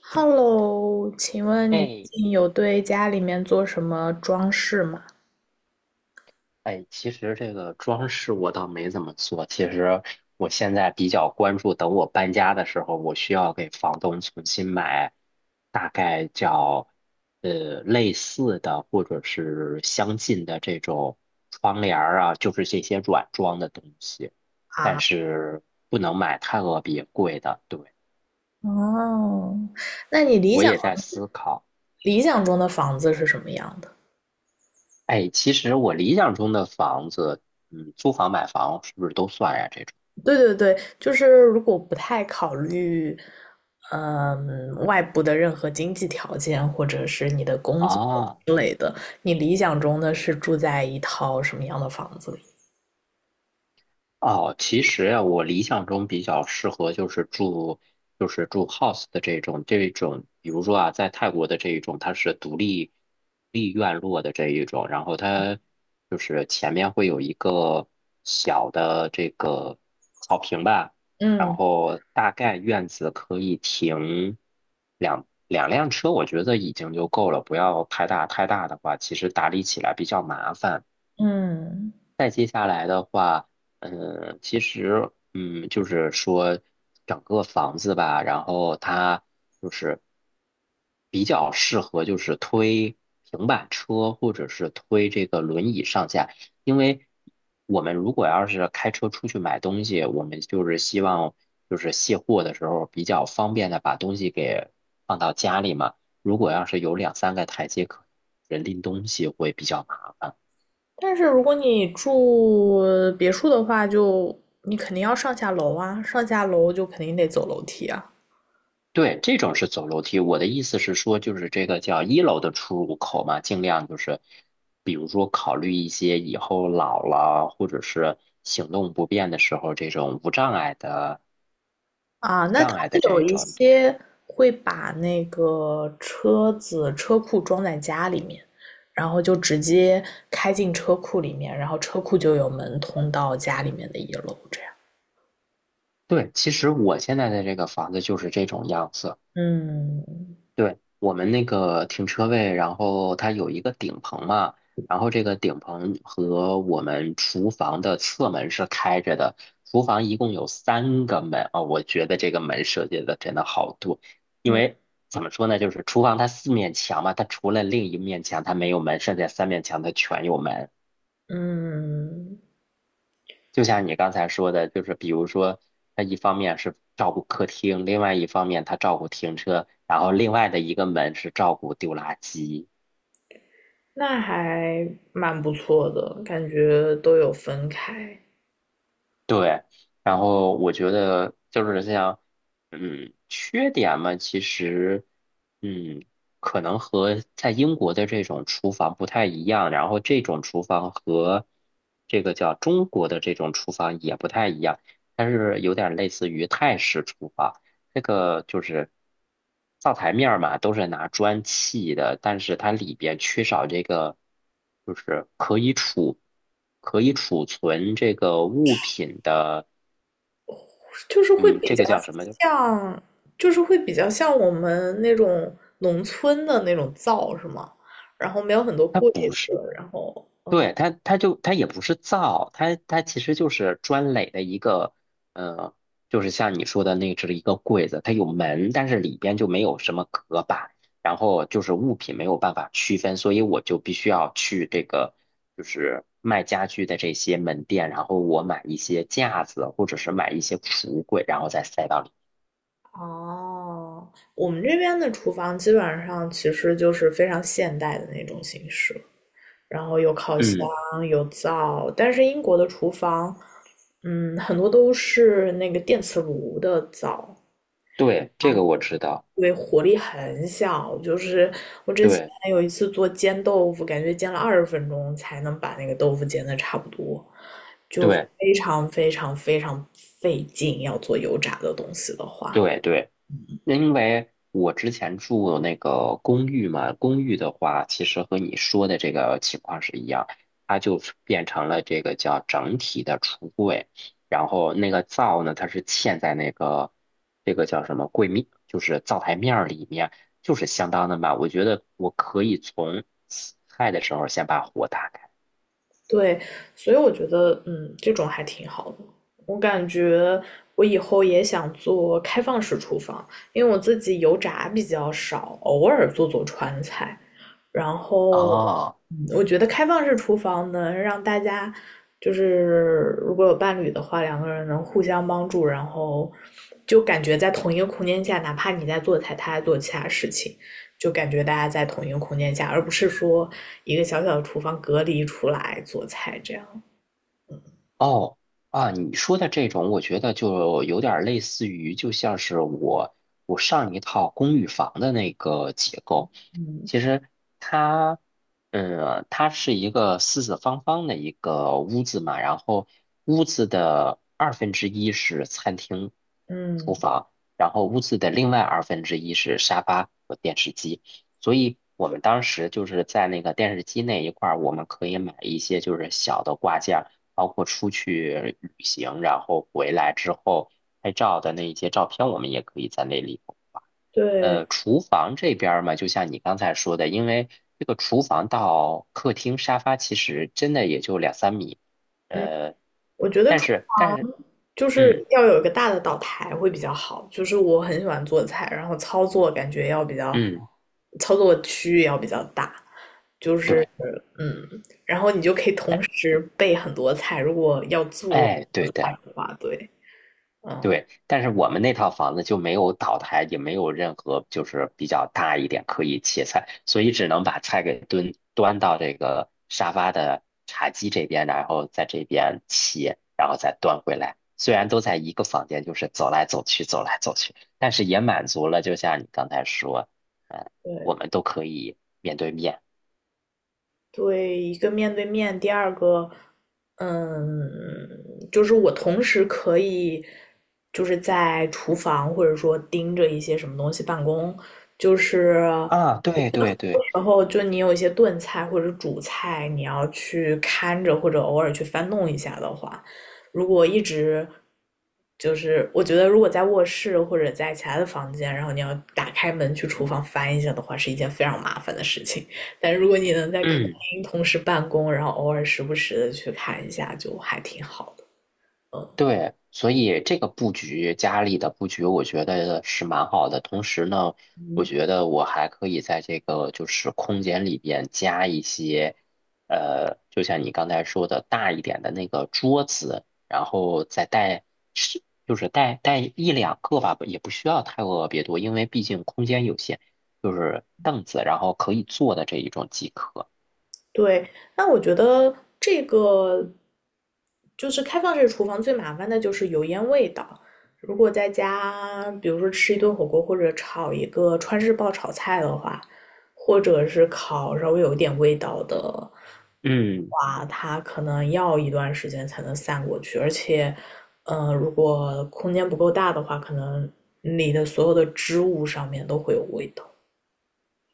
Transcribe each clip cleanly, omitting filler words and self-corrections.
Hello，请问你最哎近有对家里面做什么装饰吗？哎，其实这个装饰我倒没怎么做。其实我现在比较关注，等我搬家的时候，我需要给房东重新买，大概叫类似的或者是相近的这种窗帘儿啊，就是这些软装的东西，但啊，是不能买太特别贵的。对，哦，那你理我想也在思考。理想中的房子是什么样的？哎，其实我理想中的房子，租房买房是不是都算呀？这种对对对，就是如果不太考虑，外部的任何经济条件或者是你的啊。工作哦之类的，你理想中的是住在一套什么样的房子里？哦，其实呀，我理想中比较适合就是住，就是住 house 的这种，比如说啊，在泰国的这一种，它是独立院落的这一种，然后它就是前面会有一个小的这个草坪吧，然嗯后大概院子可以停两辆车，我觉得已经就够了，不要太大，太大的话，其实打理起来比较麻烦。嗯，再接下来的话，嗯，其实，嗯，就是说整个房子吧，然后它就是比较适合就是推平板车或者是推这个轮椅上下，因为我们如果要是开车出去买东西，我们就是希望就是卸货的时候比较方便的把东西给放到家里嘛。如果要是有两三个台阶，可能人拎东西会比较麻烦。但是如果你住别墅的话，就你肯定要上下楼啊，上下楼就肯定得走楼梯啊。对，这种是走楼梯。我的意思是说，就是这个叫一楼的出入口嘛，尽量就是，比如说考虑一些以后老了或者是行动不便的时候，这种无障碍的、啊，那他障碍们的有这一种。些会把那个车子车库装在家里面，然后就直接开进车库里面，然后车库就有门通到家里面的一楼，这样。对，其实我现在的这个房子就是这种样子。嗯对，我们那个停车位，然后它有一个顶棚嘛，然后这个顶棚和我们厨房的侧门是开着的。厨房一共有3个门啊，我觉得这个门设计的真的好多，因为怎么说呢，就是厨房它4面墙嘛，它除了另1面墙它没有门，剩下3面墙它全有门。嗯，就像你刚才说的，就是比如说，它一方面是照顾客厅，另外一方面它照顾停车，然后另外的一个门是照顾丢垃圾。那还蛮不错的，感觉都有分开。对，然后我觉得就是像，缺点嘛，其实，嗯，可能和在英国的这种厨房不太一样，然后这种厨房和这个叫中国的这种厨房也不太一样，它是有点类似于泰式厨房。这个就是灶台面儿嘛，都是拿砖砌的，但是它里边缺少这个，就是可以储存这个物品的，就是会嗯，比这较个叫什么？像，就是会比较像我们那种农村的那种灶是吗？然后没有很多它柜不是子，然后对，它就它也不是造，它其实就是砖垒的一个，呃，就是像你说的那只一个柜子，它有门，但是里边就没有什么隔板，然后就是物品没有办法区分，所以我就必须要去这个就是卖家具的这些门店，然后我买一些架子或者是买一些橱柜，然后再塞到里。哦，我们这边的厨房基本上其实就是非常现代的那种形式，然后有烤箱，嗯，有灶，但是英国的厨房，嗯，很多都是那个电磁炉的灶，对，这个我知道，对，火力很小，就是我之前对还有一次做煎豆腐，感觉煎了二十分钟才能把那个豆腐煎的差不多，对非常非常非常费劲。要做油炸的东西的话，对对。因为我之前住那个公寓嘛，公寓的话，其实和你说的这个情况是一样，它就是变成了这个叫整体的橱柜，然后那个灶呢，它是嵌在那个这个叫什么柜面，就是灶台面儿里面，就是相当的满。我觉得我可以从洗菜的时候先把火打开。对，所以我觉得，这种还挺好的。我感觉我以后也想做开放式厨房，因为我自己油炸比较少，偶尔做做川菜，然后，啊、我觉得开放式厨房能让大家，就是如果有伴侣的话，两个人能互相帮助，然后就感觉在同一个空间下，哪怕你在做菜，他在做其他事情，就感觉大家在同一个空间下，而不是说一个小小的厨房隔离出来做菜这样。哦啊，你说的这种，我觉得就有点儿类似于，就像是我上一套公寓房的那个结构。其实它，它是一个四四方方的一个屋子嘛，然后屋子的二分之一是餐厅、厨嗯，房，然后屋子的另外二分之一是沙发和电视机。所以我们当时就是在那个电视机那一块儿，我们可以买一些就是小的挂件。包括出去旅行，然后回来之后拍照的那一些照片，我们也可以在那里头画。对，厨房这边儿嘛，就像你刚才说的，因为这个厨房到客厅沙发其实真的也就两三米，嗯，呃，我觉得但是，就是嗯要有一个大的岛台会比较好。就是我很喜欢做菜，然后嗯，操作区域要比较大，对，嗯，然后你就可以哎同时备很多菜。如果要做哎，对菜的。的话，对，嗯，对，但是我们那套房子就没有岛台，也没有任何就是比较大一点可以切菜，所以只能把菜给端到这个沙发的茶几这边，然后在这边切，然后再端回来。虽然都在一个房间，就是走来走去，走来走去，但是也满足了，就像你刚才说，嗯，对我们都可以面对面。对，一个面对面，第二个，嗯，就是我同时可以就是在厨房或者说盯着一些什么东西办公，就是啊，对对对，然后就你有一些炖菜或者煮菜，你要去看着或者偶尔去翻弄一下的话，如果一直就是我觉得如果在卧室或者在其他的房间，然后你要打开门去厨房翻一下的话，是一件非常麻烦的事情。但如果你能在客嗯。厅同时办公，然后偶尔时不时的去看一下，就还挺好的。嗯，对，所以这个布局，家里的布局，我觉得是蛮好的。同时呢，我觉得我还可以在这个就是空间里边加一些，就像你刚才说的大一点的那个桌子，然后再带是就是带一两个吧，也不需要太特别多，因为毕竟空间有限，就是凳子，然后可以坐的这一种即可。对，那我觉得这个就是开放式厨房最麻烦的就是油烟味道。如果在家，比如说吃一顿火锅或者炒一个川式爆炒菜的话，或者是烤稍微有一点味道的嗯。话，它可能要一段时间才能散过去，而且，如果空间不够大的话，可能你的所有的织物上面都会有味道。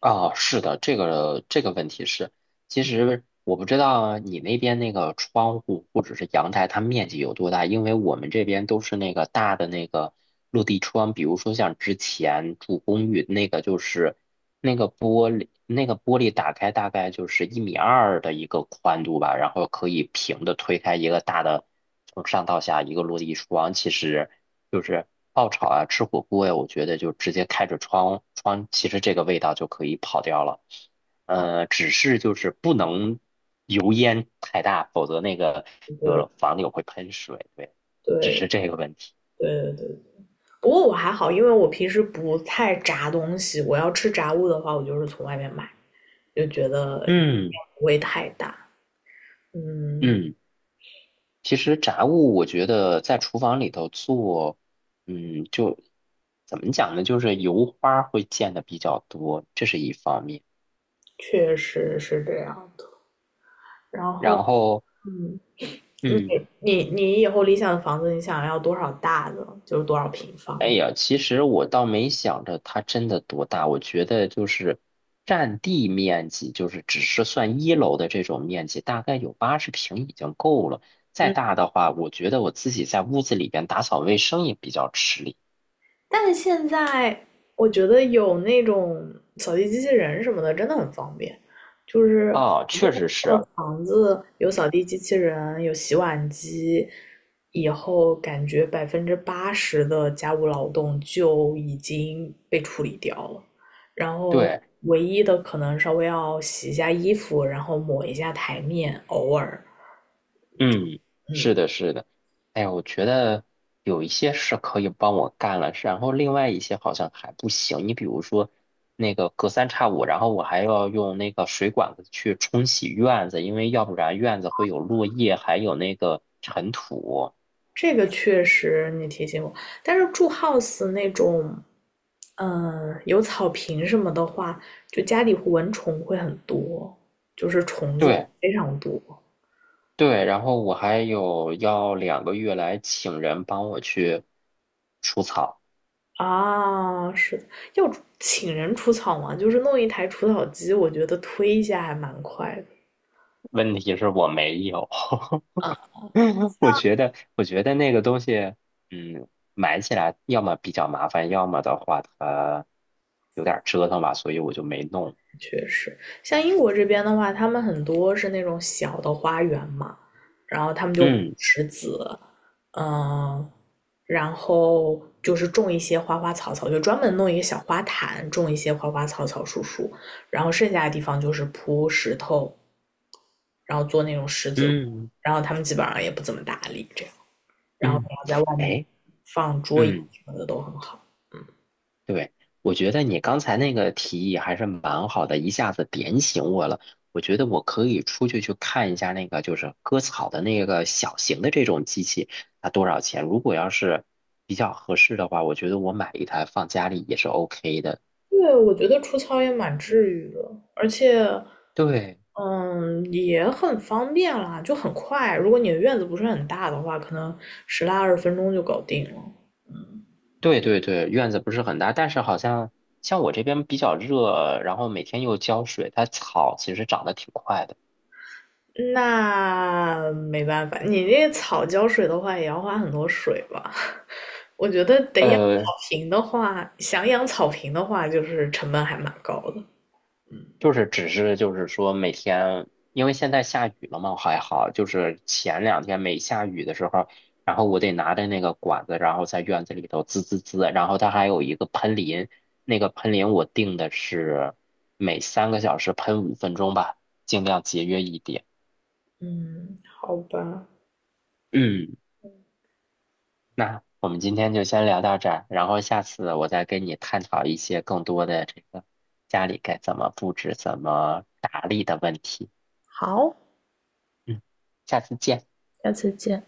啊，是的，这个问题是，其实我不知道你那边那个窗户或者是阳台，它面积有多大，因为我们这边都是那个大的那个落地窗，比如说像之前住公寓那个，就是那个玻璃，那个玻璃打开大概就是1.2米的一个宽度吧，然后可以平的推开一个大的，从上到下一个落地窗，其实。就是爆炒啊，吃火锅呀，我觉得就直接开着窗，其实这个味道就可以跑掉了。只是就是不能油烟太大，否则那个对就对是房柳会喷水。对，只对是这个问题。对对，不过我还好，因为我平时不太炸东西，我要吃炸物的话，我就是从外面买，就觉得嗯不会太大。嗯，嗯，其实炸物我觉得在厨房里头做，就怎么讲呢？就是油花会溅的比较多，这是一方面。确实是这样的。然后，然后，嗯，你嗯。你你以后理想的房子，你想要多少大的，就是多少平哎方呀，其实我倒没想着它真的多大，我觉得就是占地面积，就是只是算一楼的这种面积，大概有80平已经够了。再嗯，大的话，我觉得我自己在屋子里边打扫卫生也比较吃力。但是现在我觉得有那种扫地机器人什么的，真的很方便。就是哦，确实是，房子有扫地机器人，有洗碗机，以后感觉80%的家务劳动就已经被处理掉了，然后对。唯一的可能稍微要洗一下衣服，然后抹一下台面，偶尔，嗯，嗯，是的，是的。哎呀，我觉得有一些是可以帮我干了，然后另外一些好像还不行。你比如说那个隔三差五，然后我还要用那个水管子去冲洗院子，因为要不然院子会有落叶，还有那个尘土。这个确实你提醒我，但是住 house 那种，有草坪什么的话，就家里蚊虫会很多，就是虫子对非常多。对，然后我还有要2个月来请人帮我去除草，啊，是的，要请人除草吗？就是弄一台除草机，我觉得推一下还蛮快的。问题是我没有。啊，我觉得那个东西，嗯，买起来要么比较麻烦，要么的话它有点儿折腾吧，所以我就没弄。确实，像英国这边的话，他们很多是那种小的花园嘛，然后他们就不嗯石子，嗯，然后就是种一些花花草草，就专门弄一个小花坛，种一些花花草草、树树，然后剩下的地方就是铺石头，然后做那种石子路，嗯然后他们基本上也不怎么打理这样。然后嗯，你要在外面哎，放桌椅嗯，什么的都很好。对，我觉得你刚才那个提议还是蛮好的，一下子点醒我了。我觉得我可以出去去看一下那个就是割草的那个小型的这种机器，它多少钱？如果要是比较合适的话，我觉得我买一台放家里也是 OK 的。对，我觉得除草也蛮治愈的，而且对。嗯也很方便啦，就很快。如果你的院子不是很大的话，可能10来20分钟就搞定了。对对对，院子不是很大，但是好像我这边比较热，然后每天又浇水，它草其实长得挺快的。那没办法，你那草浇水的话也要花很多水吧？我觉得得养草呃，坪的话，想养草坪的话，就是成本还蛮高的。就是只是就是说每天，因为现在下雨了嘛，还好，就是前两天没下雨的时候，然后我得拿着那个管子，然后在院子里头滋滋滋，然后它还有一个喷淋，那个喷淋我定的是每3个小时喷5分钟吧，尽量节约一点。嗯，好吧，嗯。那我们今天就先聊到这儿，然后下次我再跟你探讨一些更多的这个家里该怎么布置、怎么打理的问题。好，嗯，下次见。下次见。